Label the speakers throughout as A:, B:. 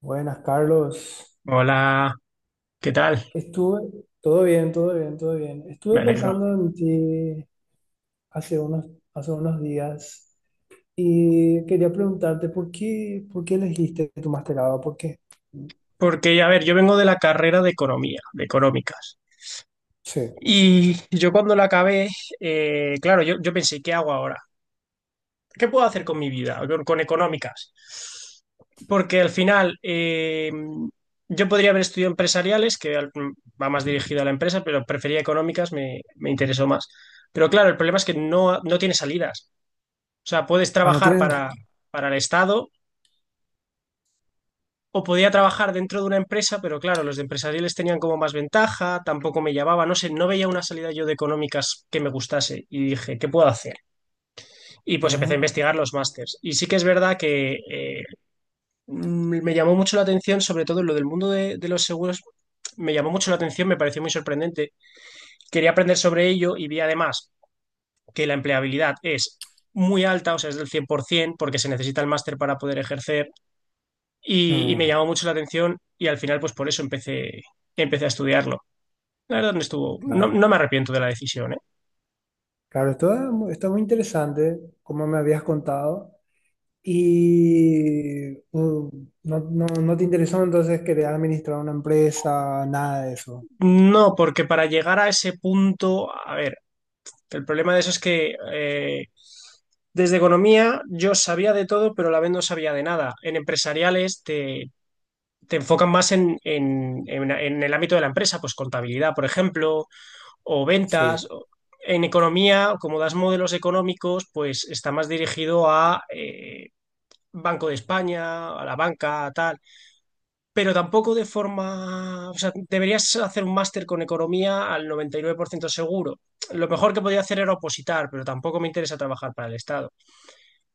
A: Buenas, Carlos.
B: Hola, ¿qué tal?
A: Todo bien, todo bien, todo bien.
B: Me
A: Estuve
B: alegro.
A: pensando en ti hace unos, hace unos días y quería preguntarte por qué elegiste tu masterado, ¿por qué?
B: Porque, a ver, yo vengo de la carrera de economía, de económicas.
A: Sí.
B: Y yo cuando la acabé, claro, yo pensé, ¿qué hago ahora? ¿Qué puedo hacer con mi vida, con económicas? Porque al final, yo podría haber estudiado empresariales, va más dirigido a la empresa, pero prefería económicas, me interesó más. Pero claro, el problema es que no tiene salidas. O sea, puedes
A: Ah, ¿no
B: trabajar
A: tienes?
B: para el Estado. O podía trabajar dentro de una empresa, pero claro, los de empresariales tenían como más ventaja, tampoco me llamaba, no sé, no veía una salida yo de económicas que me gustase y dije, ¿qué puedo hacer? Y pues empecé a
A: Ujú.
B: investigar los másters. Y sí que es verdad que me llamó mucho la atención, sobre todo en lo del mundo de los seguros, me llamó mucho la atención, me pareció muy sorprendente. Quería aprender sobre ello y vi además que la empleabilidad es muy alta, o sea, es del 100%, porque se necesita el máster para poder ejercer y me
A: Mm,
B: llamó mucho la atención y al final pues por eso empecé, empecé a estudiarlo. La verdad no estuvo,
A: claro.
B: no me arrepiento de la decisión, ¿eh?
A: Claro, esto es está muy interesante, como me habías contado, y no, no, no te interesó entonces querer administrar una empresa, nada de eso.
B: No, porque para llegar a ese punto, a ver, el problema de eso es que desde economía yo sabía de todo, pero a la vez no sabía de nada. En empresariales te enfocan más en, en el ámbito de la empresa, pues contabilidad, por ejemplo, o
A: Sí.
B: ventas. En economía, como das modelos económicos, pues está más dirigido a... Banco de España, a la banca, tal, pero tampoco de forma, o sea, deberías hacer un máster con economía al 99% seguro. Lo mejor que podía hacer era opositar, pero tampoco me interesa trabajar para el Estado.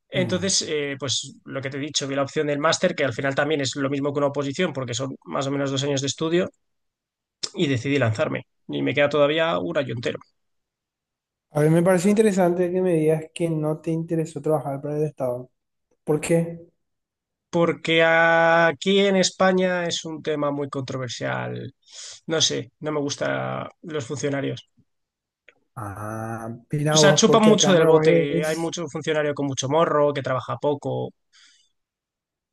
B: Entonces, pues lo que te he dicho, vi la opción del máster, que al final también es lo mismo que una oposición, porque son más o menos 2 años de estudio, y decidí lanzarme. Y me queda todavía un año entero.
A: A ver, me pareció interesante que me digas que no te interesó trabajar para el Estado. ¿Por qué?
B: Porque aquí en España es un tema muy controversial. No sé, no me gustan los funcionarios.
A: Ah,
B: O
A: mira
B: sea,
A: vos,
B: chupan
A: porque acá
B: mucho
A: en
B: del
A: Paraguay
B: bote. Hay
A: es.
B: mucho funcionario con mucho morro, que trabaja poco.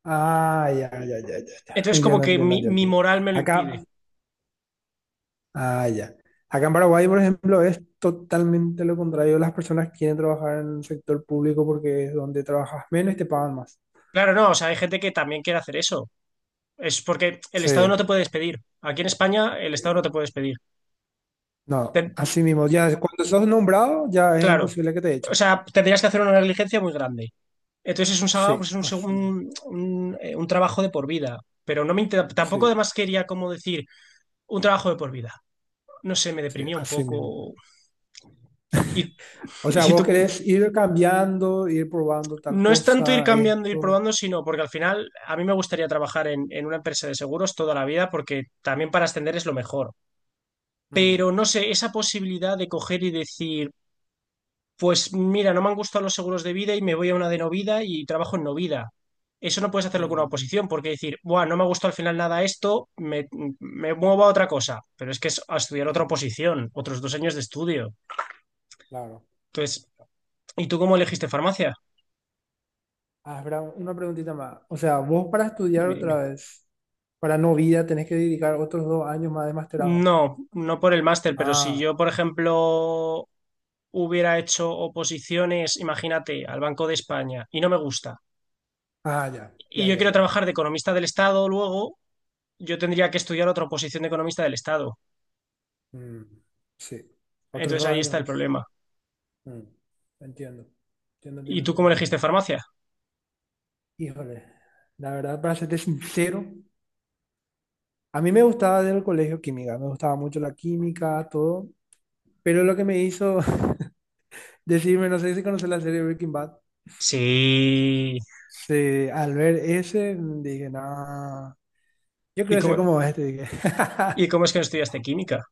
A: Ah, ya, ya, ya, ya, ya.
B: Entonces, como
A: Entiendo,
B: que
A: entiendo,
B: mi
A: entiendo.
B: moral me lo
A: Acá,
B: impide.
A: ah, ya. Acá en Paraguay, por ejemplo, es totalmente lo contrario. Las personas quieren trabajar en el sector público porque es donde trabajas menos y te pagan más.
B: Claro, no, o sea, hay gente que también quiere hacer eso. Es porque el
A: Sí,
B: Estado no te puede despedir. Aquí en España, el Estado no te puede despedir.
A: no,
B: Ten-
A: así mismo. Ya cuando sos nombrado, ya es
B: claro.
A: imposible que te
B: O
A: echen.
B: sea, tendrías que hacer una negligencia muy grande. Entonces, es un, sa-
A: Sí,
B: es un, seg-
A: así mismo.
B: un trabajo de por vida. Pero tampoco
A: Sí,
B: además quería como decir un trabajo de por vida. No sé, me
A: sí,
B: deprimía un
A: así mismo.
B: poco. ¿Y,
A: O sea,
B: y
A: vos
B: tú?
A: querés ir cambiando, ir probando tal
B: No es tanto ir
A: cosa,
B: cambiando, ir
A: esto.
B: probando, sino porque al final a mí me gustaría trabajar en una empresa de seguros toda la vida porque también para ascender es lo mejor.
A: Mm,
B: Pero no sé, esa posibilidad de coger y decir, pues mira, no me han gustado los seguros de vida y me voy a una de no vida y trabajo en no vida. Eso no puedes hacerlo con una
A: mm,
B: oposición porque decir, buah, no me ha gustado al final nada esto, me muevo a otra cosa. Pero es que es a estudiar otra
A: mm,
B: oposición, otros 2 años de estudio.
A: claro.
B: Entonces, ¿y tú cómo elegiste farmacia?
A: Ah, espera, una preguntita más. O sea, vos para estudiar
B: Dime,
A: otra
B: dime.
A: vez, para no vida, tenés que dedicar otros 2 años más de masterado.
B: No, no por el máster, pero si
A: Ah,
B: yo, por ejemplo, hubiera hecho oposiciones, imagínate, al Banco de España y no me gusta,
A: ah, ya,
B: y
A: ya,
B: yo
A: ya,
B: quiero
A: ya.
B: trabajar de economista del Estado luego, yo tendría que estudiar otra oposición de economista del Estado.
A: Mm, sí, otros
B: Entonces
A: dos
B: ahí
A: años
B: está el
A: más.
B: problema.
A: Mm, entiendo, entiendo,
B: ¿Y
A: entiendo,
B: tú cómo
A: entiendo,
B: elegiste
A: entiendo.
B: farmacia?
A: Híjole, la verdad, para serte sincero, a mí me gustaba del colegio química, me gustaba mucho la química, todo. Pero lo que me hizo. Decime, no sé si conoces la serie Breaking Bad.
B: Sí.
A: Sí, al ver ese, dije, no, yo
B: ¿Y
A: quiero ser
B: cómo,
A: como este, dije.
B: y cómo es que no estudiaste química?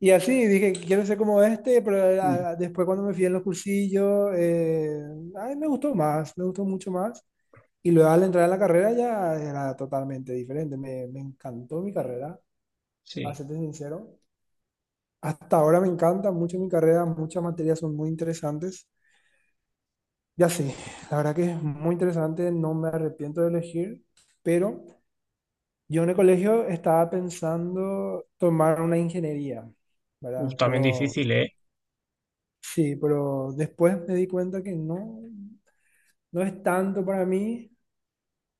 A: Y así, dije, quiero ser como este, pero
B: Mm.
A: después cuando me fui en los cursillos, ay, me gustó mucho más. Y luego al entrar a la carrera ya era totalmente diferente, me encantó mi carrera, para
B: Sí.
A: serte sincero. Hasta ahora me encanta mucho mi carrera, muchas materias son muy interesantes. Ya sí, la verdad que es muy interesante, no me arrepiento de elegir, pero. Yo en el colegio estaba pensando tomar una ingeniería,
B: Uf,
A: ¿verdad?
B: también
A: Pero
B: difícil, ¿eh?
A: sí, pero después me di cuenta que no, no es tanto para mí,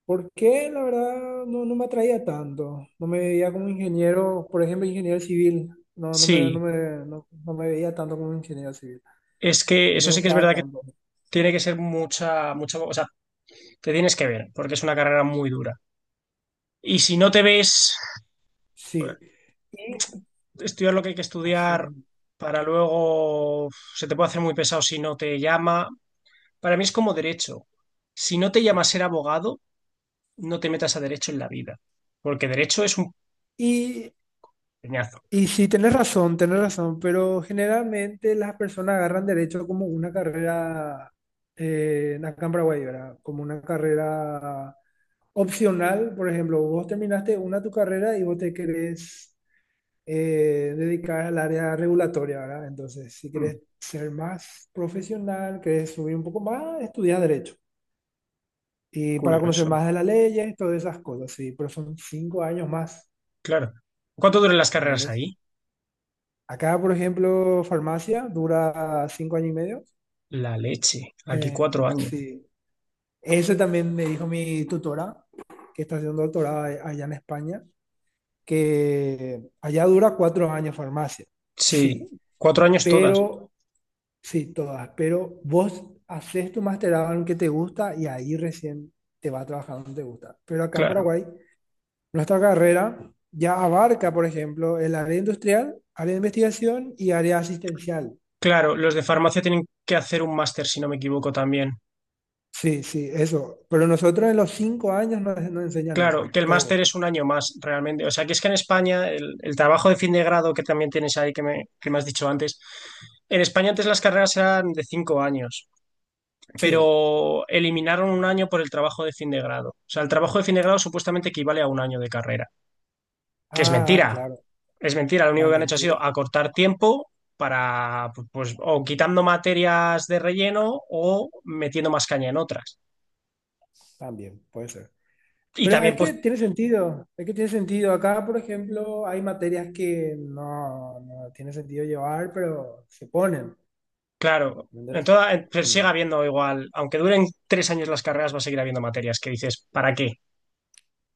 A: porque la verdad no, no me atraía tanto. No me veía como ingeniero, por ejemplo, ingeniero civil. No,
B: Sí.
A: no, no me veía tanto como ingeniero civil.
B: Es que
A: No me
B: eso sí que es
A: gustaba
B: verdad que
A: tanto.
B: tiene que ser mucha, mucha, o sea, te tienes que ver, porque es una carrera muy dura. Y si no te ves
A: Sí. Y
B: estudiar lo que hay que
A: así
B: estudiar
A: mismo,
B: para luego, se te puede hacer muy pesado si no te llama. Para mí es como derecho. Si no te llama a ser abogado, no te metas a derecho en la vida, porque derecho es un
A: sí.
B: peñazo.
A: Y sí, tenés razón, pero generalmente las personas agarran derecho como una carrera acá en Paraguay, ¿verdad? Como una carrera opcional, por ejemplo, vos terminaste una tu carrera y vos te querés dedicar al área regulatoria, ¿verdad? Entonces, si querés
B: Mm,
A: ser más profesional, querés subir un poco más, estudiar derecho. Y para conocer
B: curioso,
A: más de las leyes, todas esas cosas, sí, pero son 5 años más,
B: claro. ¿Cuánto duran las carreras
A: ¿entendés?
B: ahí?
A: Acá, por ejemplo, farmacia dura 5 años y medio.
B: La leche. Aquí
A: Eh,
B: 4 años.
A: sí, eso también me dijo mi tutora, que está haciendo doctorado allá en España, que allá dura 4 años farmacia.
B: Sí,
A: Sí,
B: 4 años todas,
A: pero, sí, todas, pero vos haces tu masterado en lo que te gusta y ahí recién te vas a trabajar donde te gusta. Pero acá en
B: claro.
A: Paraguay, nuestra carrera ya abarca, por ejemplo, el área industrial, área de investigación y área asistencial.
B: Claro, los de farmacia tienen que hacer un máster, si no me equivoco, también.
A: Sí, sí, eso. Pero nosotros en los 5 años nos enseñan eso,
B: Claro, que el máster
A: todo.
B: es un año más realmente. O sea, que es que en España el trabajo de fin de grado que también tienes ahí, que me has dicho antes, en España antes las carreras eran de 5 años,
A: Sí.
B: pero eliminaron un año por el trabajo de fin de grado. O sea, el trabajo de fin de grado supuestamente equivale a un año de carrera, que es
A: Ah,
B: mentira,
A: claro.
B: es mentira. Lo único
A: No,
B: que han hecho ha sido
A: mentira.
B: acortar tiempo para, pues, o quitando materias de relleno o metiendo más caña en otras.
A: También puede ser.
B: Y
A: Pero es
B: también, pues,
A: que tiene sentido. Es que tiene sentido. Acá, por ejemplo, hay materias que no, no tiene sentido llevar, pero se ponen. ¿Entendés?
B: Pero sigue
A: Mm.
B: habiendo igual, aunque duren 3 años las carreras, va a seguir habiendo materias que dices, ¿para qué?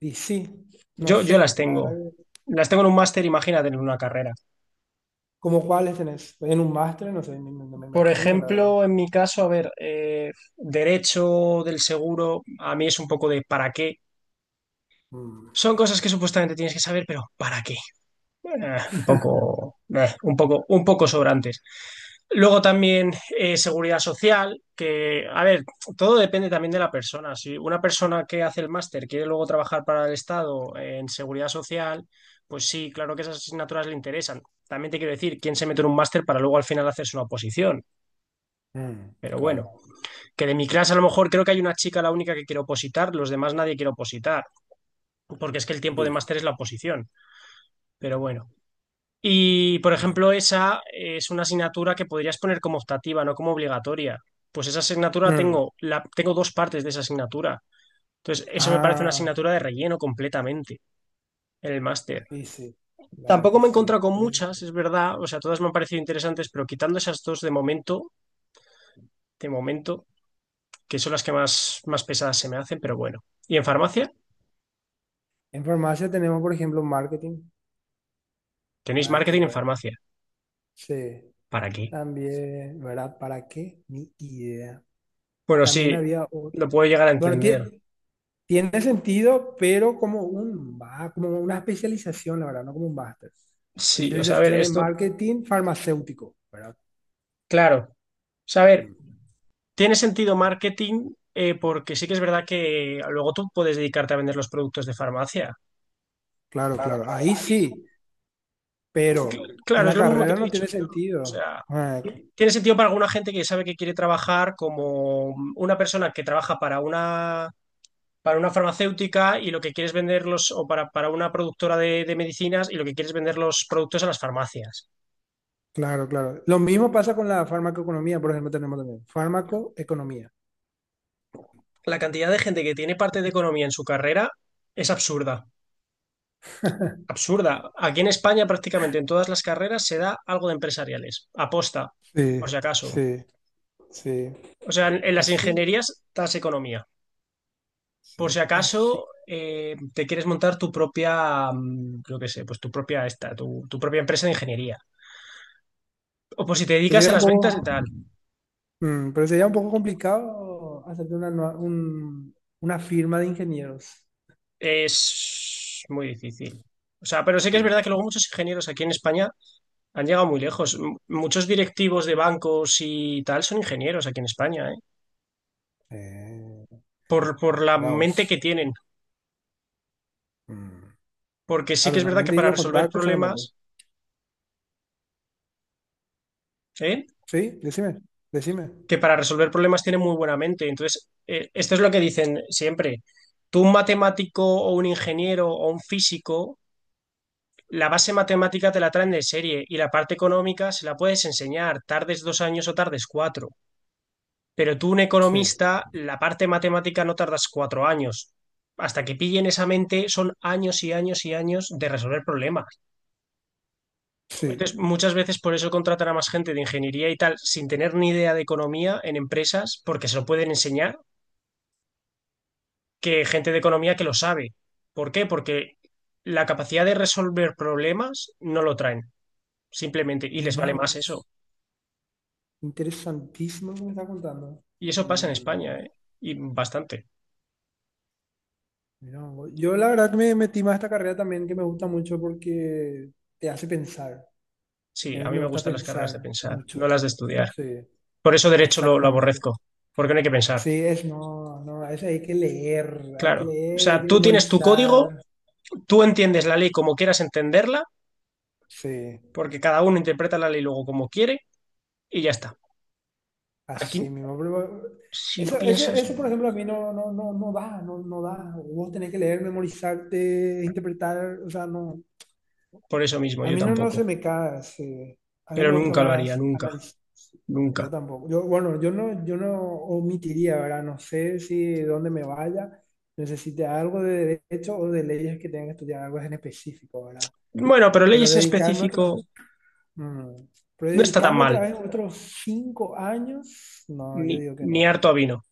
A: Y sí, no
B: Yo las
A: sé, la verdad
B: tengo.
A: que-.
B: Las tengo en un máster, imagínate en una carrera.
A: ¿Cómo cuáles tenés? En un máster, no sé, no, me
B: Por
A: imagino, la verdad.
B: ejemplo, en mi caso, a ver, derecho del seguro, a mí es un poco de ¿para qué?
A: Mm.
B: Son cosas que supuestamente tienes que saber, pero ¿para qué? Un poco, un poco, un poco sobrantes. Luego también seguridad social, que, a ver, todo depende también de la persona. Si una persona que hace el máster quiere luego trabajar para el Estado en seguridad social, pues sí, claro que esas asignaturas le interesan. También te quiero decir, ¿quién se mete en un máster para luego al final hacerse una oposición?
A: Mm,
B: Pero bueno,
A: claro.
B: que de mi clase a lo mejor creo que hay una chica la única que quiere opositar, los demás nadie quiere opositar, porque es que el tiempo
A: Di.
B: de máster es la oposición. Pero bueno. Y, por ejemplo, esa es una asignatura que podrías poner como optativa, no como obligatoria. Pues esa asignatura
A: Mm.
B: tengo, tengo 2 partes de esa asignatura. Entonces, eso me parece una
A: Ah.
B: asignatura de relleno completamente en el máster.
A: Sí, sí, la verdad
B: Tampoco
A: que
B: me he encontrado
A: sí,
B: con
A: tiene
B: muchas,
A: sentido.
B: es verdad. O sea, todas me han parecido interesantes, pero quitando esas dos de momento, que son las que más, más pesadas se me hacen, pero bueno. ¿Y en farmacia?
A: En farmacia tenemos, por ejemplo, marketing,
B: ¿Tenéis
A: nada que
B: marketing en
A: ver.
B: farmacia?
A: Sí,
B: ¿Para qué?
A: también, ¿verdad? ¿Para qué? Ni idea.
B: Bueno,
A: También
B: sí,
A: había otro.
B: lo puedo llegar a
A: Bueno,
B: entender.
A: tiene, sentido, pero como una especialización, la verdad, no como un máster.
B: Sí, o sea, a ver,
A: Especialización en
B: esto,
A: marketing farmacéutico, ¿verdad?
B: claro. O sea, a ver,
A: Mm,
B: tiene sentido marketing porque sí que es verdad que luego tú puedes dedicarte a vender los productos de farmacia.
A: claro,
B: Claro,
A: claro,
B: claro.
A: ahí sí, pero en
B: Claro, es
A: la
B: lo mismo que
A: carrera
B: te he
A: no
B: dicho
A: tiene
B: yo. O
A: sentido.
B: sea,
A: Ah,
B: tiene sentido para alguna gente que sabe que quiere trabajar como una persona que trabaja para una farmacéutica y lo que quieres venderlos, o para una productora de medicinas y lo que quieres vender los productos a las farmacias.
A: claro, claro. Lo mismo pasa con la farmacoeconomía, por ejemplo, tenemos también farmacoeconomía.
B: La cantidad de gente que tiene parte de economía en su carrera es absurda. Absurda. Aquí en España prácticamente en todas las carreras se da algo de empresariales, aposta,
A: Sí,
B: por si acaso.
A: sí, sí.
B: O sea, en las
A: Así,
B: ingenierías das economía. Por si
A: sí.
B: acaso
A: Así.
B: te quieres montar tu propia, creo que sé, pues tu propia esta, tu propia empresa de ingeniería. O por si te
A: Que
B: dedicas a
A: sería un
B: las ventas
A: poco,
B: y tal.
A: pero sería un poco complicado hacerte una firma de ingenieros.
B: Es muy difícil. O sea, pero sí que es
A: Sí.
B: verdad que luego muchos ingenieros aquí en España han llegado muy lejos. Muchos directivos de bancos y tal son ingenieros aquí en España, ¿eh?
A: Eh,
B: Por la
A: mira
B: mente que
A: vos.
B: tienen
A: Mm,
B: porque sí que
A: claro,
B: es
A: la
B: verdad que
A: mente y
B: para
A: los
B: resolver
A: contactos solamente.
B: problemas, ¿eh?
A: Sí, decime, decime.
B: Que para resolver problemas tiene muy buena mente. Entonces, esto es lo que dicen siempre. Tú, un matemático o un ingeniero o un físico, la base matemática te la traen de serie y la parte económica se la puedes enseñar, tardes 2 años o tardes cuatro. Pero tú, un
A: Sí,
B: economista, la parte matemática no tardas 4 años. Hasta que pillen esa mente son años y años y años de resolver problemas.
A: sí.
B: Entonces, muchas veces por eso contratan a más gente de ingeniería y tal, sin tener ni idea de economía en empresas, porque se lo pueden enseñar, que gente de economía que lo sabe. ¿Por qué? Porque la capacidad de resolver problemas no lo traen, simplemente, y les
A: Mira
B: vale más eso.
A: vos, interesantísimo lo que me está contando.
B: Y eso pasa en
A: Mm.
B: España, ¿eh? Y bastante.
A: Mira, vos. Yo la verdad que me metí más a esta carrera también que me gusta mucho porque te hace pensar. Y
B: Sí,
A: a
B: a
A: mí
B: mí
A: me
B: me
A: gusta
B: gustan las carreras de
A: pensar
B: pensar, no
A: mucho.
B: las de estudiar.
A: Sí,
B: Por eso derecho lo
A: exactamente.
B: aborrezco, porque no hay que pensar,
A: Sí, es no, no, a veces hay que
B: claro. O
A: leer y hay
B: sea,
A: que
B: tú tienes tu código,
A: memorizar.
B: tú entiendes la ley como quieras entenderla,
A: Sí,
B: porque cada uno interpreta la ley luego como quiere, y ya está. Aquí,
A: así mismo. pero
B: si no
A: Eso, eso,
B: piensas,
A: eso,
B: no.
A: por ejemplo, a mí no, no, no, no da, no, no da. Vos tenés que leer, memorizarte, interpretar, o sea, no.
B: Por eso mismo,
A: A
B: yo
A: mí no, no se
B: tampoco.
A: me cae, a mí
B: Pero
A: me gusta
B: nunca lo haría,
A: más
B: nunca,
A: análisis. Yo
B: nunca.
A: tampoco. Yo, bueno, yo no omitiría, ¿verdad? No sé si de dónde me vaya, necesite algo de derecho o de leyes que tenga que estudiar algo en específico, ¿verdad?
B: Bueno, pero
A: Pero
B: leyes en
A: dedicarme otra,
B: específico
A: mm, pero
B: no está tan
A: dedicarme otra
B: mal,
A: vez otros 5 años, no, yo
B: ni,
A: digo que
B: ni
A: no.
B: harto a vino,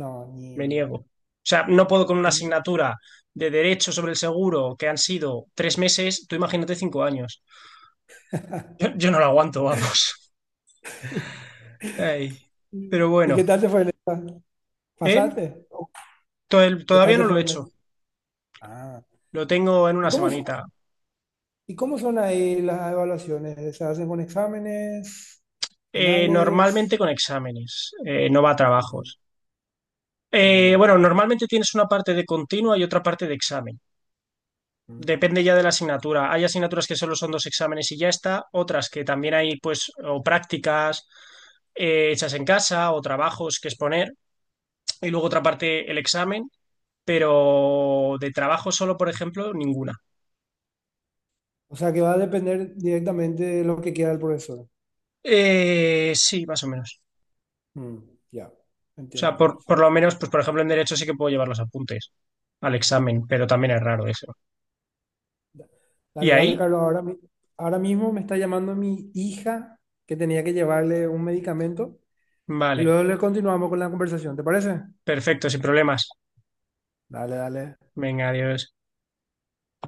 A: No,
B: me
A: ni.
B: niego. O sea, no puedo con una asignatura de derecho sobre el seguro que han sido 3 meses, tú imagínate 5 años. Yo no lo aguanto, vamos. Ay, pero
A: ¿Y
B: bueno,
A: qué tal te fue el examen?
B: ¿eh?
A: ¿Pasaste?
B: To-
A: ¿Qué tal
B: Todavía
A: te
B: no lo he
A: fue
B: hecho,
A: examen? Ah.
B: lo tengo en
A: ¿Y
B: una
A: cómo,
B: semanita.
A: ¿Y cómo son ahí las evaluaciones? ¿Se hacen con exámenes, finales?
B: Normalmente con exámenes, no va a
A: Mm,
B: trabajos.
A: mm,
B: Bueno, normalmente tienes una parte de continua y otra parte de examen.
A: mm.
B: Depende ya de la asignatura. Hay asignaturas que solo son 2 exámenes y ya está, otras que también hay, pues, o prácticas hechas en casa o trabajos que exponer, y luego otra parte el examen, pero de trabajo solo, por ejemplo, ninguna.
A: O sea que va a depender directamente de lo que quiera el profesor.
B: Sí, más o menos.
A: Mm, ya,
B: O
A: entiendo,
B: sea,
A: Carlos.
B: por lo menos, pues, por ejemplo, en derecho sí que puedo llevar los apuntes al examen, pero también es raro eso. ¿Y
A: Dale, vale,
B: ahí?
A: Carlos. Ahora mismo me está llamando mi hija que tenía que llevarle un medicamento y
B: Vale,
A: luego le continuamos con la conversación. ¿Te parece?
B: perfecto, sin problemas.
A: Dale, dale.
B: Venga, adiós.